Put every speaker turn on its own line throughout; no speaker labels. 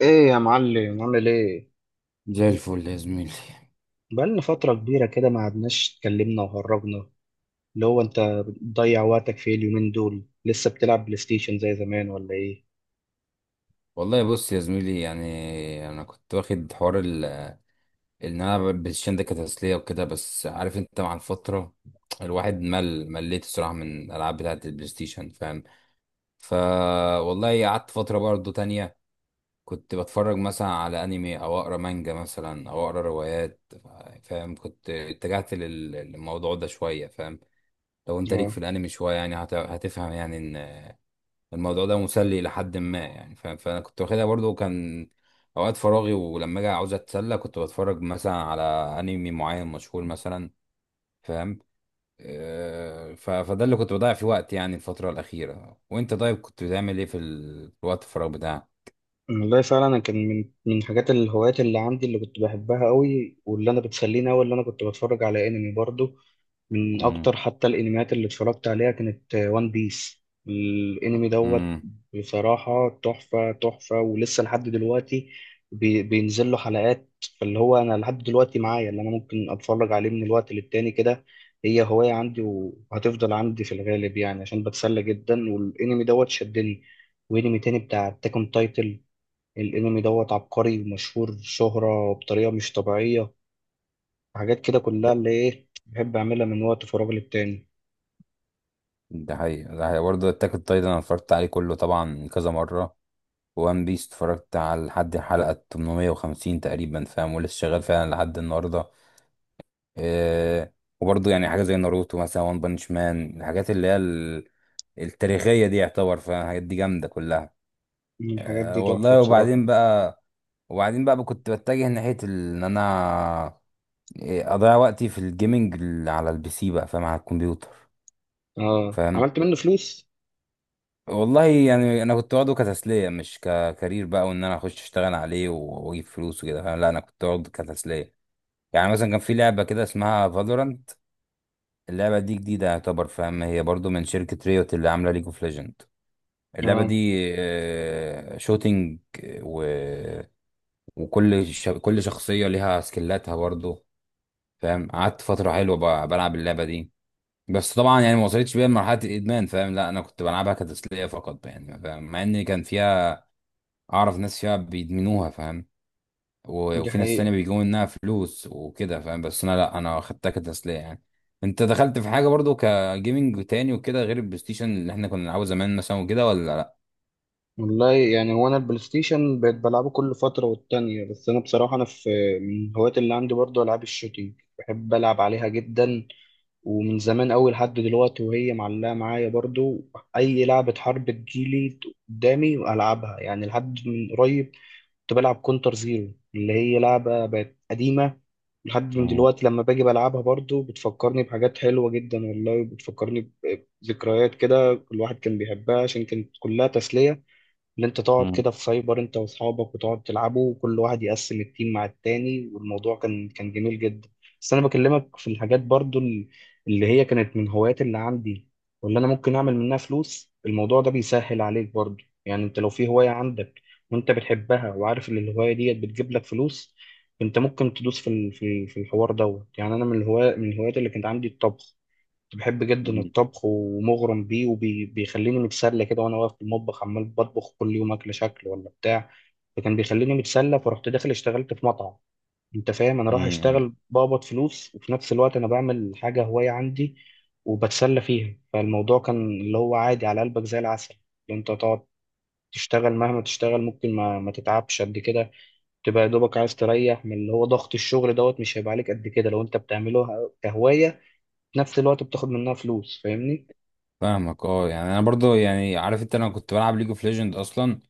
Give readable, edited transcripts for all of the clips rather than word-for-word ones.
ايه يا معلم، عامل ايه؟
زي الفل يا زميلي.
بقالنا فترة كبيرة كده ما قعدناش اتكلمنا وهرجنا. اللي هو انت بتضيع وقتك في إيه اليومين دول؟ لسه بتلعب بلاي ستيشن زي زمان ولا ايه؟
والله بص يا زميلي، يعني انا كنت واخد حوار ان انا بالشين ده كتسليه وكده، بس عارف انت مع الفتره الواحد مليت الصراحه من الالعاب بتاعه البلاي ستيشن، فاهم. ف والله قعدت فتره برضو تانية، كنت بتفرج مثلا على انمي او اقرا مانجا مثلا او اقرا روايات، فاهم. كنت اتجهت للموضوع ده شويه، فاهم. لو انت ليك في
اه.
الانمي شويه، يعني هتفهم، يعني الموضوع ده مسلي لحد ما، يعني فانا كنت واخدها برضو كان اوقات فراغي، ولما اجي عاوز اتسلى كنت بتفرج مثلا على انمي معين مشهور مثلا، فاهم. فده اللي كنت بضيع فيه وقت يعني الفترة الأخيرة. وأنت طيب كنت بتعمل إيه في الوقت الفراغ بتاعك؟
والله فعلا، انا كان من حاجات الهوايات اللي عندي اللي كنت بحبها قوي واللي انا بتسليني قوي، اللي انا كنت بتفرج على انمي برضه. من
امم.
اكتر حتى الانميات اللي اتفرجت عليها كانت وان بيس. الانمي دوت
امم.
بصراحة تحفة تحفة، ولسه لحد دلوقتي بينزل له حلقات. فاللي هو انا لحد دلوقتي معايا اللي انا ممكن اتفرج عليه من الوقت للتاني كده. هي هواية عندي وهتفضل عندي في الغالب يعني، عشان بتسلى جدا. والانمي دوت شدني، وانمي تاني بتاع تاكون تايتل. الانمي دوت عبقري ومشهور شهرة بطريقة مش طبيعية. حاجات كده كلها اللي ايه بحب اعملها من وقت فراغي للتاني.
ده حقيقي، ده حقيقي برضه، أتاك أون تايتن أنا اتفرجت عليه كله طبعا كذا مرة، وان بيس اتفرجت على لحد الحلقة 850 تقريبا، فاهم، ولسه شغال فعلا لحد النهاردة. آه، وبرضه يعني حاجة زي ناروتو مثلا وان بانش مان، الحاجات اللي هي التاريخية دي يعتبر، فالحاجات دي جامدة كلها.
مم، الحاجات
آه،
دي تحفة
والله. وبعدين
بصراحة.
بقى، وبعدين بقى كنت بتجه ناحية ان انا اضيع وقتي في الجيمنج على البي سي بقى، فاهم، على الكمبيوتر.
اه،
فاهم.
عملت منه فلوس.
والله يعني انا كنت واخده كتسلية مش ككارير بقى، وان انا اخش اشتغل عليه واجيب فلوس وكده، فاهم، لا انا كنت واخده كتسلية. يعني مثلا كان في لعبة كده اسمها فالورانت، اللعبة دي جديدة يعتبر، فاهم، هي برضو من شركة ريوت اللي عاملة ليج اوف ليجند. اللعبة
اه،
دي شوتينج، و... وكل ش... كل شخصية ليها سكيلاتها برضو، فاهم. قعدت فترة حلوة بلعب اللعبة دي. بس طبعا يعني ما وصلتش بيها لمرحلة الإدمان، فاهم، لا أنا كنت بلعبها كتسلية فقط يعني، فاهم، مع إن كان فيها أعرف ناس فيها بيدمنوها، فاهم،
دي
وفي ناس تانية
حقيقة.
بيجيبوا منها فلوس وكده، فاهم، بس انا لا انا خدتها كتسلية يعني. انت دخلت في حاجة برضو كجيمنج تاني وكده غير البلاي ستيشن اللي احنا كنا بنلعبه زمان مثلا وكده، ولا لا؟
والله يعني هو انا البلاي ستيشن بقيت بلعبه كل فترة والتانية، بس انا بصراحة انا في من الهوايات اللي عندي برضه العاب الشوتينج. بحب العب عليها جدا، ومن زمان أوي لحد دلوقتي وهي معلقة معايا برضه. اي لعبة حرب تجيلي قدامي والعبها يعني. لحد من قريب كنت بلعب كونتر زيرو اللي هي لعبة بقت قديمة. لحد من
مم.
دلوقتي لما باجي بلعبها برضو بتفكرني بحاجات حلوة جدا، والله بتفكرني بذكريات كده الواحد كان بيحبها، عشان كانت كلها تسلية. ان انت تقعد
مم.
كده في سايبر انت واصحابك وتقعد تلعبوا وكل واحد يقسم التيم مع التاني، والموضوع كان جميل جدا. بس انا بكلمك في الحاجات برضو اللي هي كانت من هوايات اللي عندي واللي انا ممكن اعمل منها فلوس. الموضوع ده بيسهل عليك برضو يعني، انت لو في هواية عندك وانت بتحبها وعارف ان الهواية ديت بتجيب لك فلوس، انت ممكن تدوس في ال- في في الحوار دوت. يعني انا من الهوايات اللي كانت عندي الطبخ، كنت بحب جدا
مم.
الطبخ ومغرم بيه وبيخليني متسلى كده وانا واقف في المطبخ عمال بطبخ كل يوم اكل شكل ولا بتاع. فكان بيخليني متسلى، فرحت داخل اشتغلت في مطعم. انت فاهم، انا رايح
امم.
اشتغل بقبض فلوس وفي نفس الوقت انا بعمل حاجه هوايه عندي وبتسلى فيها. فالموضوع كان اللي هو عادي على قلبك زي العسل. اللي انت تقعد تشتغل مهما تشتغل ممكن ما تتعبش قد كده. تبقى يا دوبك عايز تريح من اللي هو ضغط الشغل دوت، مش هيبقى عليك قد كده لو انت بتعمله كهوايه، في نفس الوقت بتاخد منها فلوس. فاهمني؟
فاهمك، اه، يعني انا برضو، يعني عارف انت، انا كنت بلعب ليج اوف ليجند اصلا،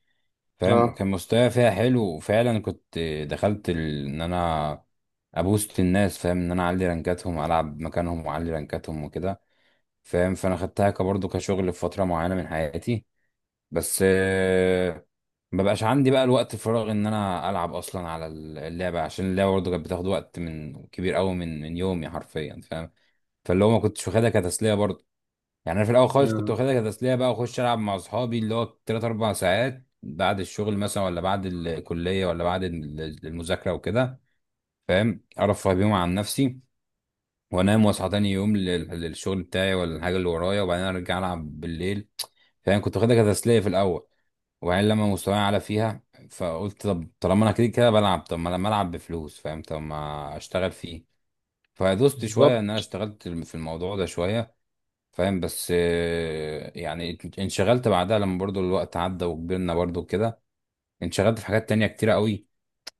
فاهم،
اه،
وكان مستواي فيها حلو وفعلا كنت دخلت ان انا ابوست الناس، فاهم، ان انا اعلي رانكاتهم العب مكانهم واعلي رانكاتهم وكده، فاهم، فانا خدتها كبرضو كشغل في فترة معينة من حياتي. بس ما بقاش عندي بقى الوقت الفراغ ان انا العب اصلا على اللعبه، عشان اللعبه برضه كانت بتاخد وقت من كبير قوي من يومي حرفيا، فاهم، فاللي هو ما كنتش واخدها كتسليه برضه. يعني انا في الاول خالص كنت
آه،
واخدها كتسليه بقى، واخش العب مع اصحابي اللي هو 3 4 ساعات بعد الشغل مثلا ولا بعد الكليه ولا بعد المذاكره وكده، فاهم، ارفه بيهم عن نفسي، وانام واصحى تاني يوم للشغل بتاعي ولا الحاجه اللي ورايا، وبعدين ارجع العب بالليل، فاهم. كنت واخدها كتسليه في الاول، وبعدين لما مستواي اعلى فيها فقلت طب طالما انا كده كده بلعب، طب ما لما العب بفلوس، فاهم، طب ما اشتغل فيه، فدوست شويه
بالظبط.
ان انا اشتغلت في الموضوع ده شويه، فاهم. بس يعني انشغلت بعدها، لما برضو الوقت عدى وكبرنا برضو كده، انشغلت في حاجات تانية كتيرة قوي،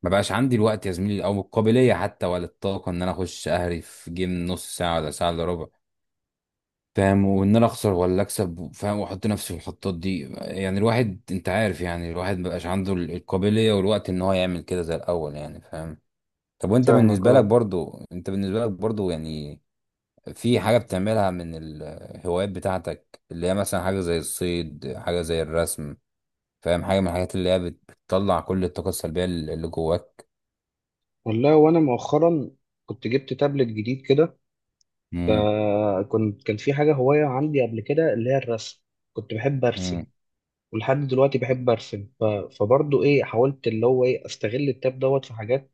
ما بقاش عندي الوقت يا زميلي او القابليه حتى ولا الطاقه ان انا اخش اهري في جيم نص ساعه ولا ساعه الا ربع، فاهم، وان انا اخسر ولا اكسب، فاهم، واحط نفسي في الحطات دي، يعني الواحد انت عارف، يعني الواحد مبقاش عنده القابليه والوقت ان هو يعمل كده زي الاول يعني، فاهم. طب وانت
فاهمك،
بالنسبه لك
اه.
برضو انت بالنسبه لك برضو يعني في حاجه بتعملها من الهوايات بتاعتك، اللي هي مثلا حاجه زي الصيد، حاجه زي الرسم، فاهم، حاجه من الحاجات اللي هي بتطلع كل الطاقه السلبيه اللي جواك؟
والله وانا مؤخرا كنت جبت تابلت جديد كده.
امم.
فكنت كان في حاجه هوايه عندي قبل كده اللي هي الرسم، كنت بحب ارسم
امم.
ولحد دلوقتي بحب ارسم. فبرضه ايه حاولت اللي هو ايه استغل التاب دوت في حاجات.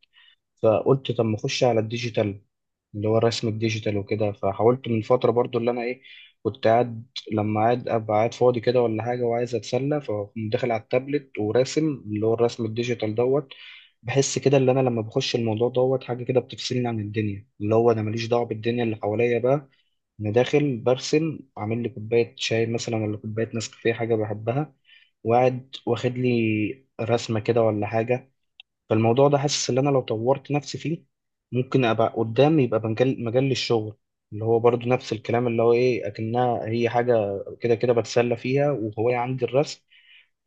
فقلت طب ما اخش على الديجيتال اللي هو الرسم الديجيتال وكده. فحاولت من فترة برضو اللي أنا إيه كنت قاعد، لما قاعد أبقى قاعد فاضي كده ولا حاجة وعايز أتسلى فأقوم داخل على التابلت وراسم اللي هو الرسم الديجيتال دوت. بحس كده اللي أنا لما بخش الموضوع دوت حاجة كده بتفصلني عن الدنيا، اللي هو أنا ماليش دعوة بالدنيا اللي حواليا بقى. أنا داخل برسم عامل لي كوباية شاي مثلا ولا كوباية نسكافيه حاجة بحبها، وقاعد واخد لي رسمة كده ولا حاجة. فالموضوع ده حاسس ان انا لو طورت نفسي فيه ممكن ابقى قدام يبقى مجال مجال للشغل. اللي هو برضو نفس الكلام اللي هو ايه اكنها هي حاجه كده كده بتسلى فيها وهوايه عندي الرسم،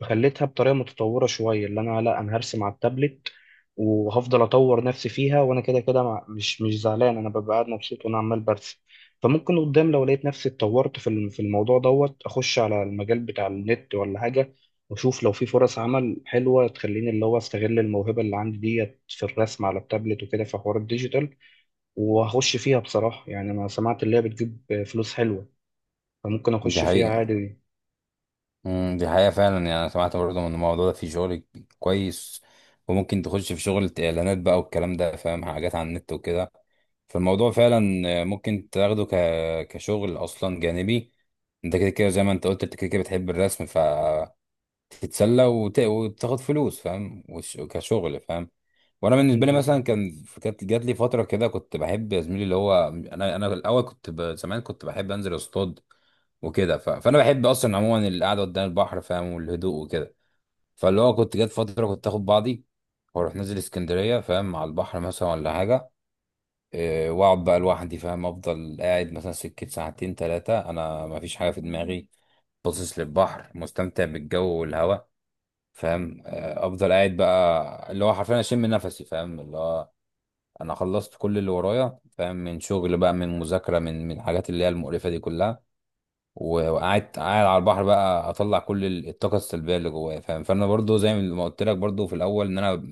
خليتها بطريقه متطوره شويه اللي انا لا انا هرسم على التابلت وهفضل اطور نفسي فيها، وانا كده كده مش زعلان، انا ببقى قاعد مبسوط وانا عمال برسم. فممكن قدام لو لقيت نفسي اتطورت في الموضوع دوت اخش على المجال بتاع النت ولا حاجه، واشوف لو في فرص عمل حلوه تخليني اللي هو استغل الموهبه اللي عندي ديت في الرسم على التابلت وكده في حوار الديجيتال. وهخش فيها بصراحه، يعني انا سمعت اللي هي بتجيب فلوس حلوه، فممكن
ده
اخش فيها
حقيقة.
عادي.
امم. دي حقيقة فعلا، يعني أنا سمعت برضه من الموضوع ده في شغل كويس، وممكن تخش في شغل إعلانات بقى والكلام ده، فاهم، حاجات على النت وكده، فالموضوع فعلا ممكن تاخده كشغل أصلا جانبي. أنت كده كده زي ما أنت قلت، أنت كده كده بتحب الرسم فتتسلى، وتاخد فلوس، فاهم، كشغل، فاهم. وانا بالنسبه لي مثلا كانت جات لي فتره كده، كنت بحب يا زميلي اللي هو انا، الاول كنت زمان كنت بحب انزل اصطاد وكده، فانا بحب اصلا عموما القعده قدام البحر، فاهم، والهدوء وكده. فاللي هو كنت جات فتره كنت اخد بعضي واروح نازل اسكندريه، فاهم، على البحر مثلا ولا حاجه. واقعد بقى لوحدي، فاهم، افضل قاعد مثلا سكه ساعتين ثلاثه، انا ما فيش حاجه في دماغي، باصص للبحر، مستمتع بالجو والهواء، فاهم. افضل قاعد بقى اللي هو حرفيا اشم نفسي، فاهم، اللي هو انا خلصت كل اللي ورايا، فاهم، من شغل بقى، من مذاكره، من الحاجات اللي هي المقرفه دي كلها، وقعدت قاعد على البحر بقى، اطلع كل الطاقه السلبيه اللي جوايا، فاهم. فانا برضو زي ما قلت لك برضو في الاول، ان انا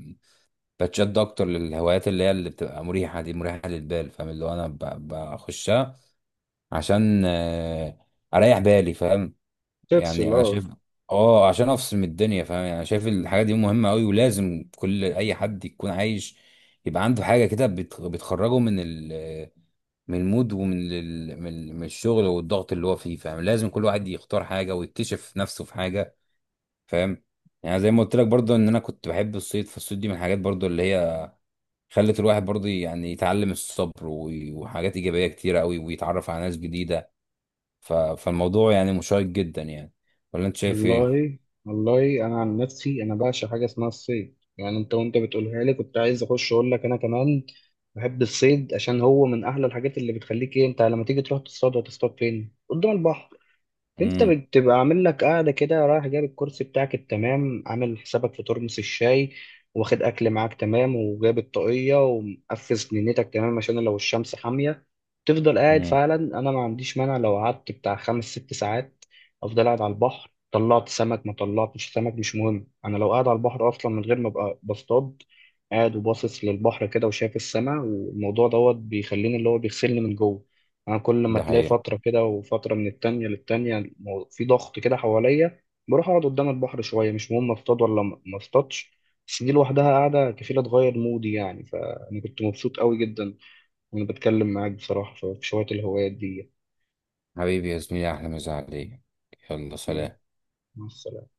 بتشد اكتر للهوايات اللي هي اللي بتبقى مريحه، دي مريحه للبال، فاهم، اللي هو انا بخشها عشان اريح بالي، فاهم.
تفصل،
يعني انا
اه.
شايف، اه، عشان افصل من الدنيا، فاهم، يعني انا شايف الحاجه دي مهمه قوي، ولازم كل اي حد يكون عايش يبقى عنده حاجه كده بتخرجه من المود، ومن ال من ال- من الشغل والضغط اللي هو فيه، فاهم. لازم كل واحد يختار حاجه ويكتشف نفسه في حاجه، فاهم. يعني زي ما قلت لك برضه ان انا كنت بحب الصيد، فالصيد دي من الحاجات برضه اللي هي خلت الواحد برضه يعني يتعلم الصبر وحاجات ايجابيه كتيره قوي، ويتعرف على ناس جديده، فالموضوع يعني مشوق جدا يعني، ولا انت شايف ايه؟
والله والله انا عن نفسي انا بعشق حاجه اسمها الصيد، يعني انت وانت بتقولها لي كنت عايز اخش اقول لك انا كمان بحب الصيد. عشان هو من احلى الحاجات اللي بتخليك ايه. انت لما تيجي تروح تصطاد، هتصطاد فين؟ قدام البحر. انت
امم.
بتبقى عامل لك قاعده كده، رايح جايب الكرسي بتاعك التمام، عامل حسابك في ترمس الشاي، واخد اكل معاك تمام، وجايب الطاقيه ومقفز نينتك تمام عشان لو الشمس حاميه. تفضل قاعد،
امم.
فعلا انا ما عنديش مانع لو قعدت بتاع 5 6 ساعات افضل قاعد على البحر. طلعت سمك ما طلعتش سمك مش مهم، انا لو قاعد على البحر اصلا من غير ما ابقى بصطاد، قاعد وباصص للبحر كده وشايف السماء، والموضوع دوت بيخليني اللي هو بيغسلني من جوه. انا كل ما
ده
تلاقي
حقيقة.
فتره كده وفتره من التانية للتانية في ضغط كده حواليا، بروح اقعد قدام البحر شويه مش مهم اصطاد ولا ما اصطادش. بس دي لوحدها قاعده كفيله تغير مودي يعني. فانا كنت مبسوط قوي جدا وانا بتكلم معاك بصراحه في شويه الهوايات دي.
حبيبي يا زميلي، أحلى مسا عليك، يلا
يعني.
سلام.
مع السلامه.